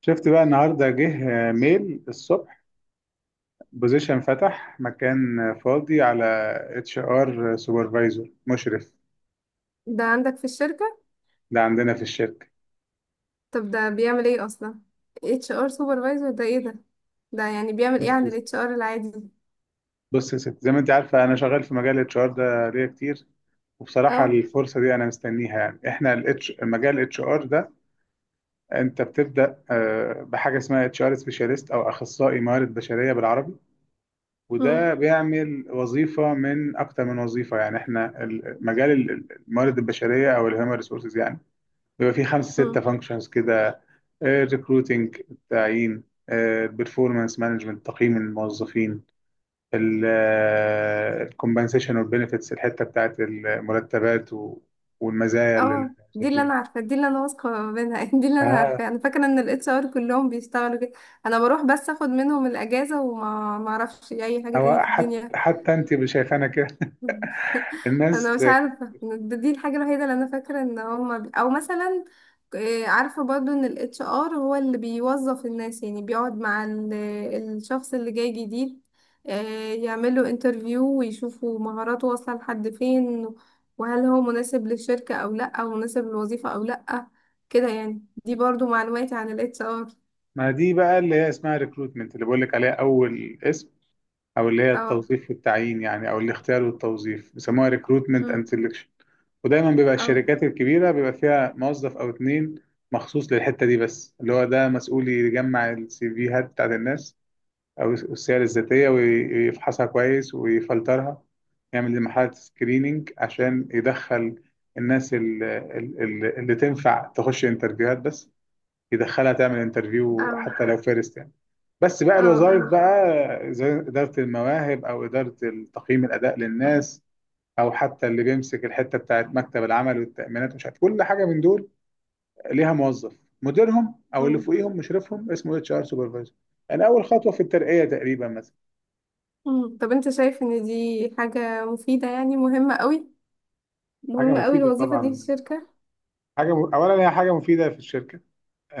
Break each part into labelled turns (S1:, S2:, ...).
S1: شفت بقى النهارده جه ميل الصبح، بوزيشن فتح، مكان فاضي على اتش ار سوبرفايزر، مشرف.
S2: ده عندك في الشركة؟
S1: ده عندنا في الشركه.
S2: طب ده بيعمل ايه اصلا؟ اتش ار سوبرفايزر ده ايه ده؟ ده يعني بيعمل ايه
S1: بص
S2: عن
S1: يا ست-
S2: الاتش ار العادي؟
S1: بص يا ست، زي ما انت عارفه انا شغال في مجال الاتش ار ده ليا كتير. وبصراحه
S2: اه.
S1: الفرصه دي انا مستنيها. يعني احنا مجال الاتش ار ده، انت بتبدا بحاجه اسمها اتش ار سبيشاليست، او اخصائي موارد بشريه بالعربي.
S2: امم.
S1: وده بيعمل وظيفه من اكتر من وظيفه. يعني احنا مجال الموارد البشريه، او الهيومن ريسورسز، يعني بيبقى في خمسة ستة
S2: امم.
S1: فانكشنز كده: ريكروتنج، التعيين؛ البرفورمانس مانجمنت، تقييم الموظفين؛ الكومبنسيشن والبنفيتس، الحتة بتاعت المرتبات والمزايا
S2: اه، دي اللي
S1: للموظفين.
S2: انا عارفه، دي اللي انا واثقه منها. دي اللي انا
S1: آه،
S2: عارفه، انا فاكره ان الاتش ار كلهم بيشتغلوا كده. انا بروح بس اخد منهم الاجازه وما ما اعرفش اي حاجه
S1: هو
S2: تاني في
S1: حتى
S2: الدنيا.
S1: حتى انت شايفانا كده.
S2: انا
S1: الناس.
S2: مش عارفه، دي الحاجه الوحيده اللي انا فاكره ان هما او مثلا عارفه برضو ان الاتش ار هو اللي بيوظف الناس، يعني بيقعد مع الشخص اللي جاي جديد، يعمله انترفيو ويشوفوا مهاراته واصله لحد فين، وهل هو مناسب للشركه او لا، او مناسب للوظيفه او لا. كده يعني، دي برضو معلوماتي عن الاتش ار.
S1: ما دي بقى اللي هي اسمها ريكروتمنت، اللي بقول لك عليها اول اسم، او اللي هي
S2: اه.
S1: التوظيف والتعيين يعني، او الاختيار والتوظيف، بيسموها ريكروتمنت اند
S2: مم.
S1: سelection. ودايما بيبقى
S2: اه.
S1: الشركات الكبيرة بيبقى فيها موظف أو اتنين مخصوص للحتة دي بس، اللي هو ده مسؤول يجمع السي فيهات بتاعت الناس، أو السير الذاتية، ويفحصها كويس، ويفلترها، يعمل لمرحلة سكريننج عشان يدخل الناس اللي تنفع تخش انترفيوهات بس، يدخلها تعمل انترفيو
S2: اه.
S1: حتى لو فيرست يعني. بس بقى
S2: اه.
S1: الوظائف
S2: اه.
S1: بقى زي إدارة المواهب، أو إدارة تقييم الأداء للناس، او حتى اللي بيمسك الحته بتاعت مكتب العمل والتامينات ومش عارف كل حاجه من دول، ليها موظف، مديرهم او اللي
S2: مم.
S1: فوقيهم مشرفهم اسمه اتش ار سوبرفايزر. يعني اول خطوه في الترقيه تقريبا مثلا.
S2: مم. طب انت شايف ان دي حاجه مفيده؟ يعني مهمه قوي؟
S1: حاجه
S2: مهمة قوي
S1: مفيده
S2: الوظيفة دي في
S1: طبعا.
S2: الشركة؟
S1: اولا هي حاجه مفيده في الشركه.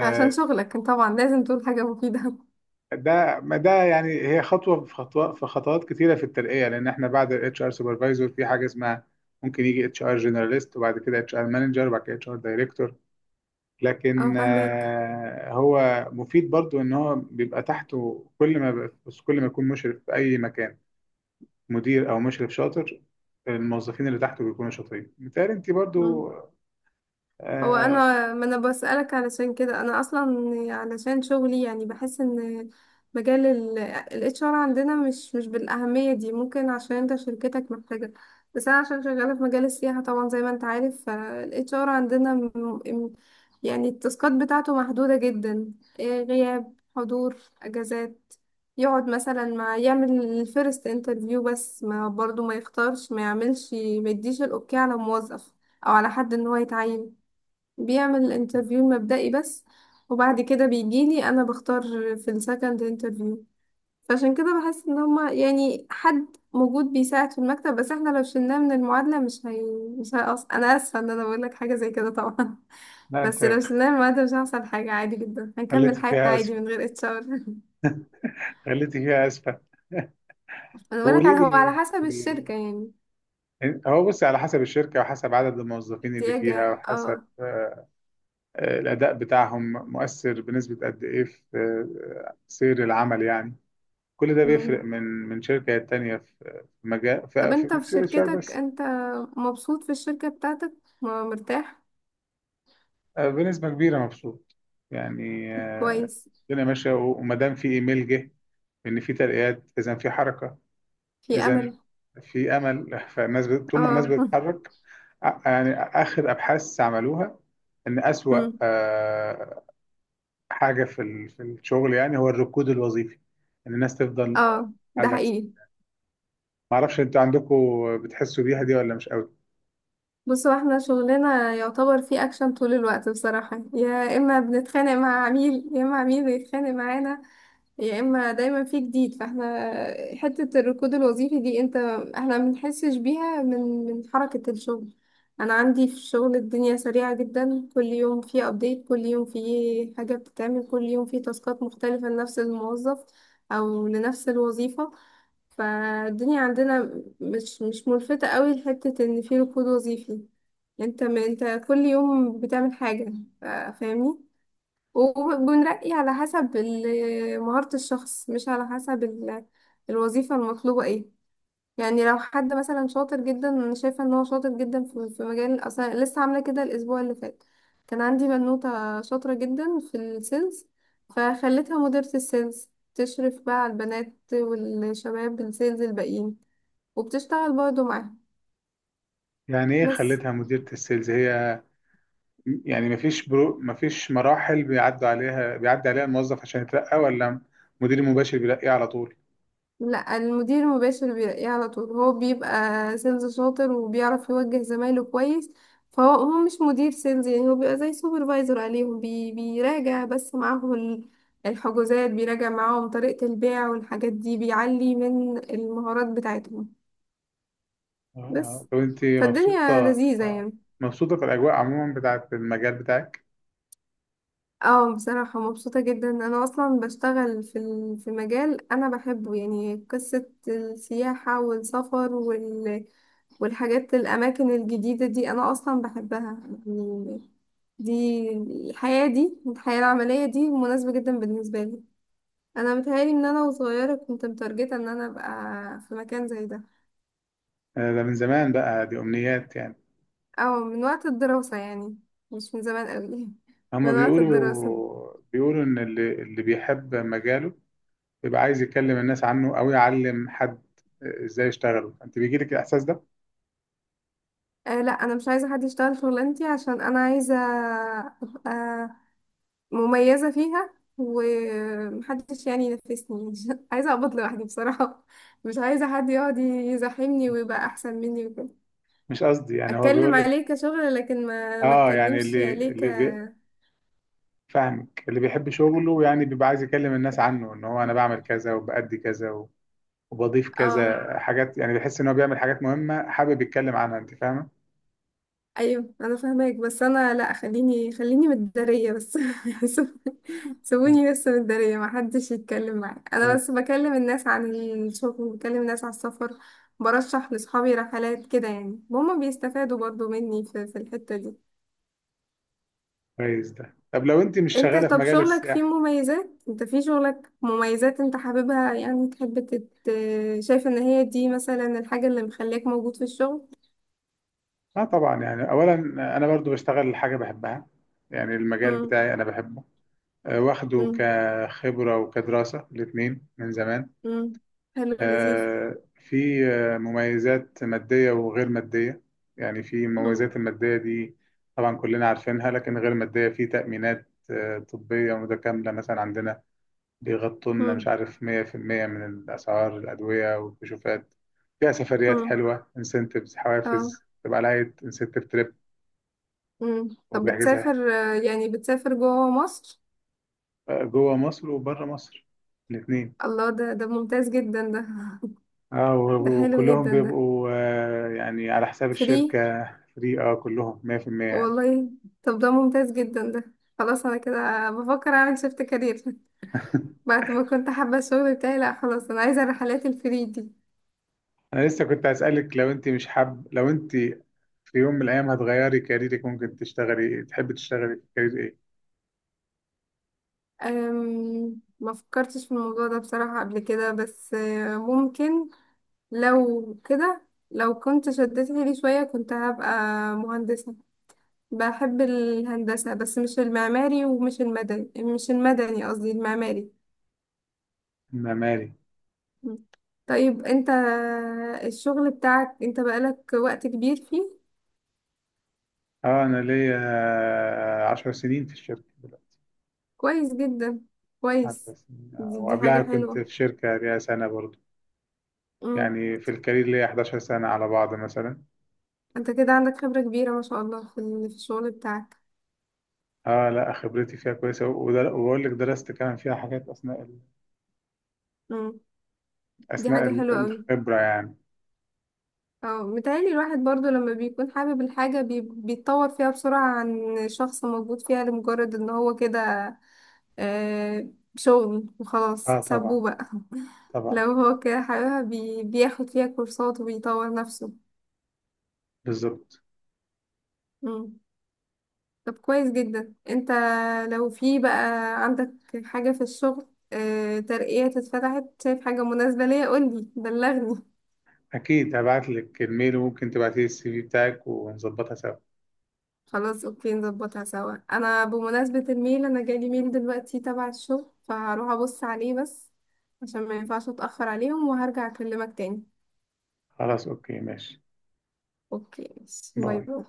S2: عشان شغلك طبعا لازم تقول حاجة مفيدة.
S1: ده ما ده يعني هي خطوه في خطوات كتيره في الترقيه، لان احنا بعد الاتش ار سوبرفايزر في حاجه اسمها، ممكن يجي اتش ار جنراليست، وبعد كده اتش ار مانجر، وبعد كده اتش ار دايركتور. لكن
S2: اه، فاهمك.
S1: هو مفيد برضو، ان هو بيبقى تحته كل ما يكون مشرف في اي مكان، مدير او مشرف شاطر، الموظفين اللي تحته بيكونوا شاطرين، متهيألي انت برضو.
S2: هو
S1: آه
S2: انا، ما انا بسألك علشان كده، انا اصلا علشان شغلي يعني بحس ان مجال ال HR عندنا مش بالأهمية دي، ممكن عشان انت شركتك محتاجة. بس انا عشان شغالة في مجال السياحة، طبعا زي ما انت عارف، فال HR عندنا يعني التاسكات بتاعته محدودة جدا. غياب، حضور، اجازات. يقعد مثلا مع، يعمل الفيرست انترفيو بس، ما برضو ما يختارش ما يعملش ما يديش الاوكي على موظف او على حد ان هو يتعين. بيعمل الانترفيو المبدئي بس، وبعد كده بيجيلي انا بختار في السكند انترفيو. فعشان كده بحس ان هما يعني حد موجود بيساعد في المكتب بس، احنا لو شلناه من المعادلة مش هي، مش هيقص. انا اسفة ان انا بقول لك حاجة زي كده طبعا.
S1: لا،
S2: بس
S1: انت
S2: لو شلناه من المعادلة مش هيحصل حاجة، عادي جدا هنكمل
S1: خليتي
S2: حياتنا
S1: فيها
S2: عادي
S1: اسفه،
S2: من غير اتش ار.
S1: خليتي فيها اسفه.
S2: انا
S1: طب
S2: بقول لك
S1: قولي
S2: على، هو
S1: لي.
S2: على حسب الشركة يعني.
S1: هو بص، على حسب الشركه، وحسب عدد الموظفين اللي فيها،
S2: احتياجها،
S1: وحسب
S2: اه.
S1: الاداء بتاعهم، مؤثر بنسبه قد ايه في سير العمل يعني. كل ده بيفرق
S2: مم.
S1: من شركة للتانية، في في مجال،
S2: طب انت
S1: مش
S2: في
S1: في الاتش ار
S2: شركتك
S1: بس.
S2: انت مبسوط في الشركة بتاعتك؟ مرتاح؟
S1: بنسبة كبيرة مبسوط يعني.
S2: كويس.
S1: الدنيا ماشية. وما دام في ايميل جه ان في ترقيات، اذا في حركة،
S2: في
S1: اذا
S2: امل.
S1: في امل. فالناس طول ما الناس
S2: اه.
S1: بتتحرك. يعني اخر ابحاث عملوها ان اسوأ
S2: مم.
S1: حاجة في في الشغل يعني، هو الركود الوظيفي، ان الناس تفضل
S2: اه،
S1: على
S2: ده
S1: الأكسل.
S2: حقيقي.
S1: معرفش انتوا عندكم بتحسوا بيها دي ولا مش قوي؟
S2: بص، هو احنا شغلنا يعتبر فيه اكشن طول الوقت بصراحة، يا اما بنتخانق مع عميل يا اما عميل بيتخانق معانا، يا اما دايما فيه جديد. فاحنا حتة الركود الوظيفي دي انت، احنا ما بنحسش بيها من، من حركة الشغل. انا عندي في الشغل الدنيا سريعة جدا، كل يوم فيه ابديت، كل يوم فيه حاجة بتتعمل، كل يوم فيه تاسكات مختلفة لنفس الموظف او لنفس الوظيفة. فالدنيا عندنا مش ملفتة قوي لحتة ان في ركود وظيفي. انت ما انت كل يوم بتعمل حاجة. ف- فاهمني. وبنرقي على حسب مهارة الشخص، مش على حسب الوظيفة المطلوبة ايه. يعني لو حد مثلا شاطر جدا، انا شايفه ان هو شاطر جدا في في مجال، اصلا لسه عامله كده الاسبوع اللي فات. كان عندي بنوته شاطره جدا في السيلز، فخليتها مديره السيلز، تشرف بقى على البنات والشباب السيلز الباقيين، وبتشتغل برضه معاهم
S1: يعني ايه
S2: بس.
S1: خلتها مديرة السيلز هي؟ يعني مفيش مراحل بيعدوا عليها، بيعدي عليها الموظف عشان يترقى، ولا مدير مباشر بيلاقيه على طول؟
S2: لا، المدير المباشر بيلاقيه على طول. هو بيبقى سيلز شاطر وبيعرف يوجه زمايله كويس. فهو مش مدير سيلز، يعني هو بيبقى زي سوبرفايزر عليهم، بيراجع بس معاهم الحجوزات، بيراجع معاهم طريقة البيع والحاجات دي، بيعلي من المهارات بتاعتهم بس.
S1: طب انت
S2: فالدنيا
S1: مبسوطة،
S2: لذيذة يعني.
S1: مبسوطة في الأجواء عموما بتاعة المجال بتاعك؟
S2: اه بصراحة مبسوطة جدا. انا اصلا بشتغل في في مجال انا بحبه، يعني قصة السياحة والسفر والحاجات، الأماكن الجديدة دي أنا أصلا بحبها يعني. دي، الحياة دي، الحياة العملية دي مناسبة جدا بالنسبة لي. أنا متهيألي إن أنا وصغيرة كنت متارجتة إن أنا أبقى في مكان زي ده.
S1: ده من زمان بقى، دي أمنيات يعني.
S2: أو من وقت الدراسة يعني، مش من زمان قوي.
S1: هما
S2: من وقت الدراسة.
S1: بيقولوا إن اللي بيحب مجاله بيبقى عايز يكلم الناس عنه، أو يعلم حد إزاي يشتغله. أنت بيجيلك الإحساس ده؟
S2: آه لا، أنا مش عايزة حد يشتغل شغلانتي، عشان أنا عايزة أبقى مميزة فيها ومحدش يعني ينافسني. عايزة أقبض لوحدي بصراحة، مش عايزة حد يقعد يزاحمني ويبقى أحسن مني وكده.
S1: مش قصدي يعني. هو
S2: أتكلم
S1: بيقول لك،
S2: عليه كشغل، لكن ما
S1: اه، يعني
S2: أتكلمش
S1: اللي
S2: عليه
S1: اللي بي فاهمك، اللي بيحب شغله يعني بيبقى عايز يكلم الناس عنه، ان هو انا بعمل كذا، وبأدي كذا، وبضيف
S2: اه.
S1: كذا حاجات. يعني بيحس ان هو بيعمل حاجات مهمة، حابب يتكلم عنها. انت فاهمة؟
S2: أيوه أنا فاهماك، بس أنا لأ، خليني خليني متدارية بس.
S1: مم.
S2: سيبوني بس متدارية، ما حدش يتكلم معايا، أنا
S1: انا
S2: بس بكلم الناس عن الشغل، بكلم الناس على السفر، برشح لصحابي رحلات كده، يعني هما بيستفادوا برضو مني في في الحتة دي.
S1: كويس ده. طب لو انت مش
S2: انت
S1: شغالة في
S2: طب
S1: مجال
S2: شغلك فيه
S1: السياحة؟
S2: مميزات؟ انت في شغلك مميزات انت حاببها يعني؟ تحب شايف ان هي دي مثلا الحاجة اللي مخليك موجود في الشغل؟
S1: اه طبعا. يعني اولا انا برضو بشتغل حاجة بحبها، يعني المجال
S2: امم.
S1: بتاعي انا بحبه، واخده
S2: امم.
S1: كخبرة وكدراسة، الاتنين، من زمان.
S2: امم. حلو، لذيذ.
S1: في مميزات مادية وغير مادية. يعني في
S2: امم.
S1: المميزات المادية دي طبعا كلنا عارفينها، لكن غير مادية في تأمينات طبية متكاملة مثلا عندنا، بيغطوا لنا مش
S2: امم.
S1: عارف 100% من الأسعار، الأدوية والكشوفات. فيها سفريات
S2: امم.
S1: حلوة، انسنتفز،
S2: اه.
S1: حوافز تبقى لها انسنتف تريب،
S2: امم. طب
S1: وبيحجزها،
S2: بتسافر يعني بتسافر جوه مصر؟
S1: جوه مصر وبره مصر، الاتنين.
S2: الله، ده ده ممتاز جدا ده.
S1: اه
S2: ده حلو
S1: وكلهم
S2: جدا ده.
S1: بيبقوا يعني على حساب
S2: فري؟
S1: الشركة. فري، اه، كلهم 100%.
S2: والله. طب ده ممتاز جدا ده. خلاص، انا كده بفكر اعمل شيفت كارير بعد ما كنت حابة الشغل بتاعي. لا خلاص، انا عايزة الرحلات الفري دي.
S1: انا لسه كنت هسألك، لو انت مش حاب لو انت في يوم من الايام هتغيري كاريرك، ممكن تحبي تشتغلي في كارير ايه؟
S2: ما فكرتش في الموضوع ده بصراحة قبل كده، بس ممكن. لو كده، لو كنت شدت حيلي شوية كنت هبقى مهندسة. بحب الهندسة، بس مش المعماري، ومش المدني، مش المدني قصدي، المعماري.
S1: معماري.
S2: م. طيب انت الشغل بتاعك انت بقالك وقت كبير فيه؟
S1: اه، انا ليا 10 سنين في الشركة دلوقتي.
S2: كويس جدا،
S1: عشر
S2: كويس.
S1: سنين
S2: دي، دي
S1: وقبلها
S2: حاجة
S1: كنت
S2: حلوة.
S1: في شركة ليا سنة برضو. يعني في الكارير ليا 11 سنة على بعض مثلا.
S2: انت كده عندك خبرة كبيرة ما شاء الله في في الشغل بتاعك.
S1: اه لا، خبرتي فيها كويسة، وبقول لك درست كمان فيها حاجات اثناء
S2: مم. دي حاجة حلوة قوي.
S1: الخبرة يعني.
S2: اه متهيألي الواحد برضو لما بيكون حابب الحاجة بيتطور فيها بسرعة، عن شخص موجود فيها لمجرد ان هو كده، آه، شغل وخلاص،
S1: اه طبعا،
S2: سابوه بقى.
S1: طبعا.
S2: لو هو كده حاببها بياخد فيها كورسات وبيطور نفسه.
S1: بالظبط.
S2: مم. طب كويس جدا. انت لو في بقى عندك حاجة في الشغل، آه، ترقية اتفتحت، شايف حاجة مناسبة ليا، قولي بلغني.
S1: أكيد هبعت لك الميل، وممكن تبعتي لي السي في بتاعك ونظبطها سوا.
S2: خلاص اوكي، نظبطها سوا. انا بمناسبة الميل، انا جالي ميل دلوقتي تبع الشغل، فهروح ابص عليه بس عشان ما ينفعش اتأخر عليهم، وهرجع اكلمك تاني.
S1: خلاص أوكي، ماشي.
S2: اوكي، باي.
S1: باي.
S2: باي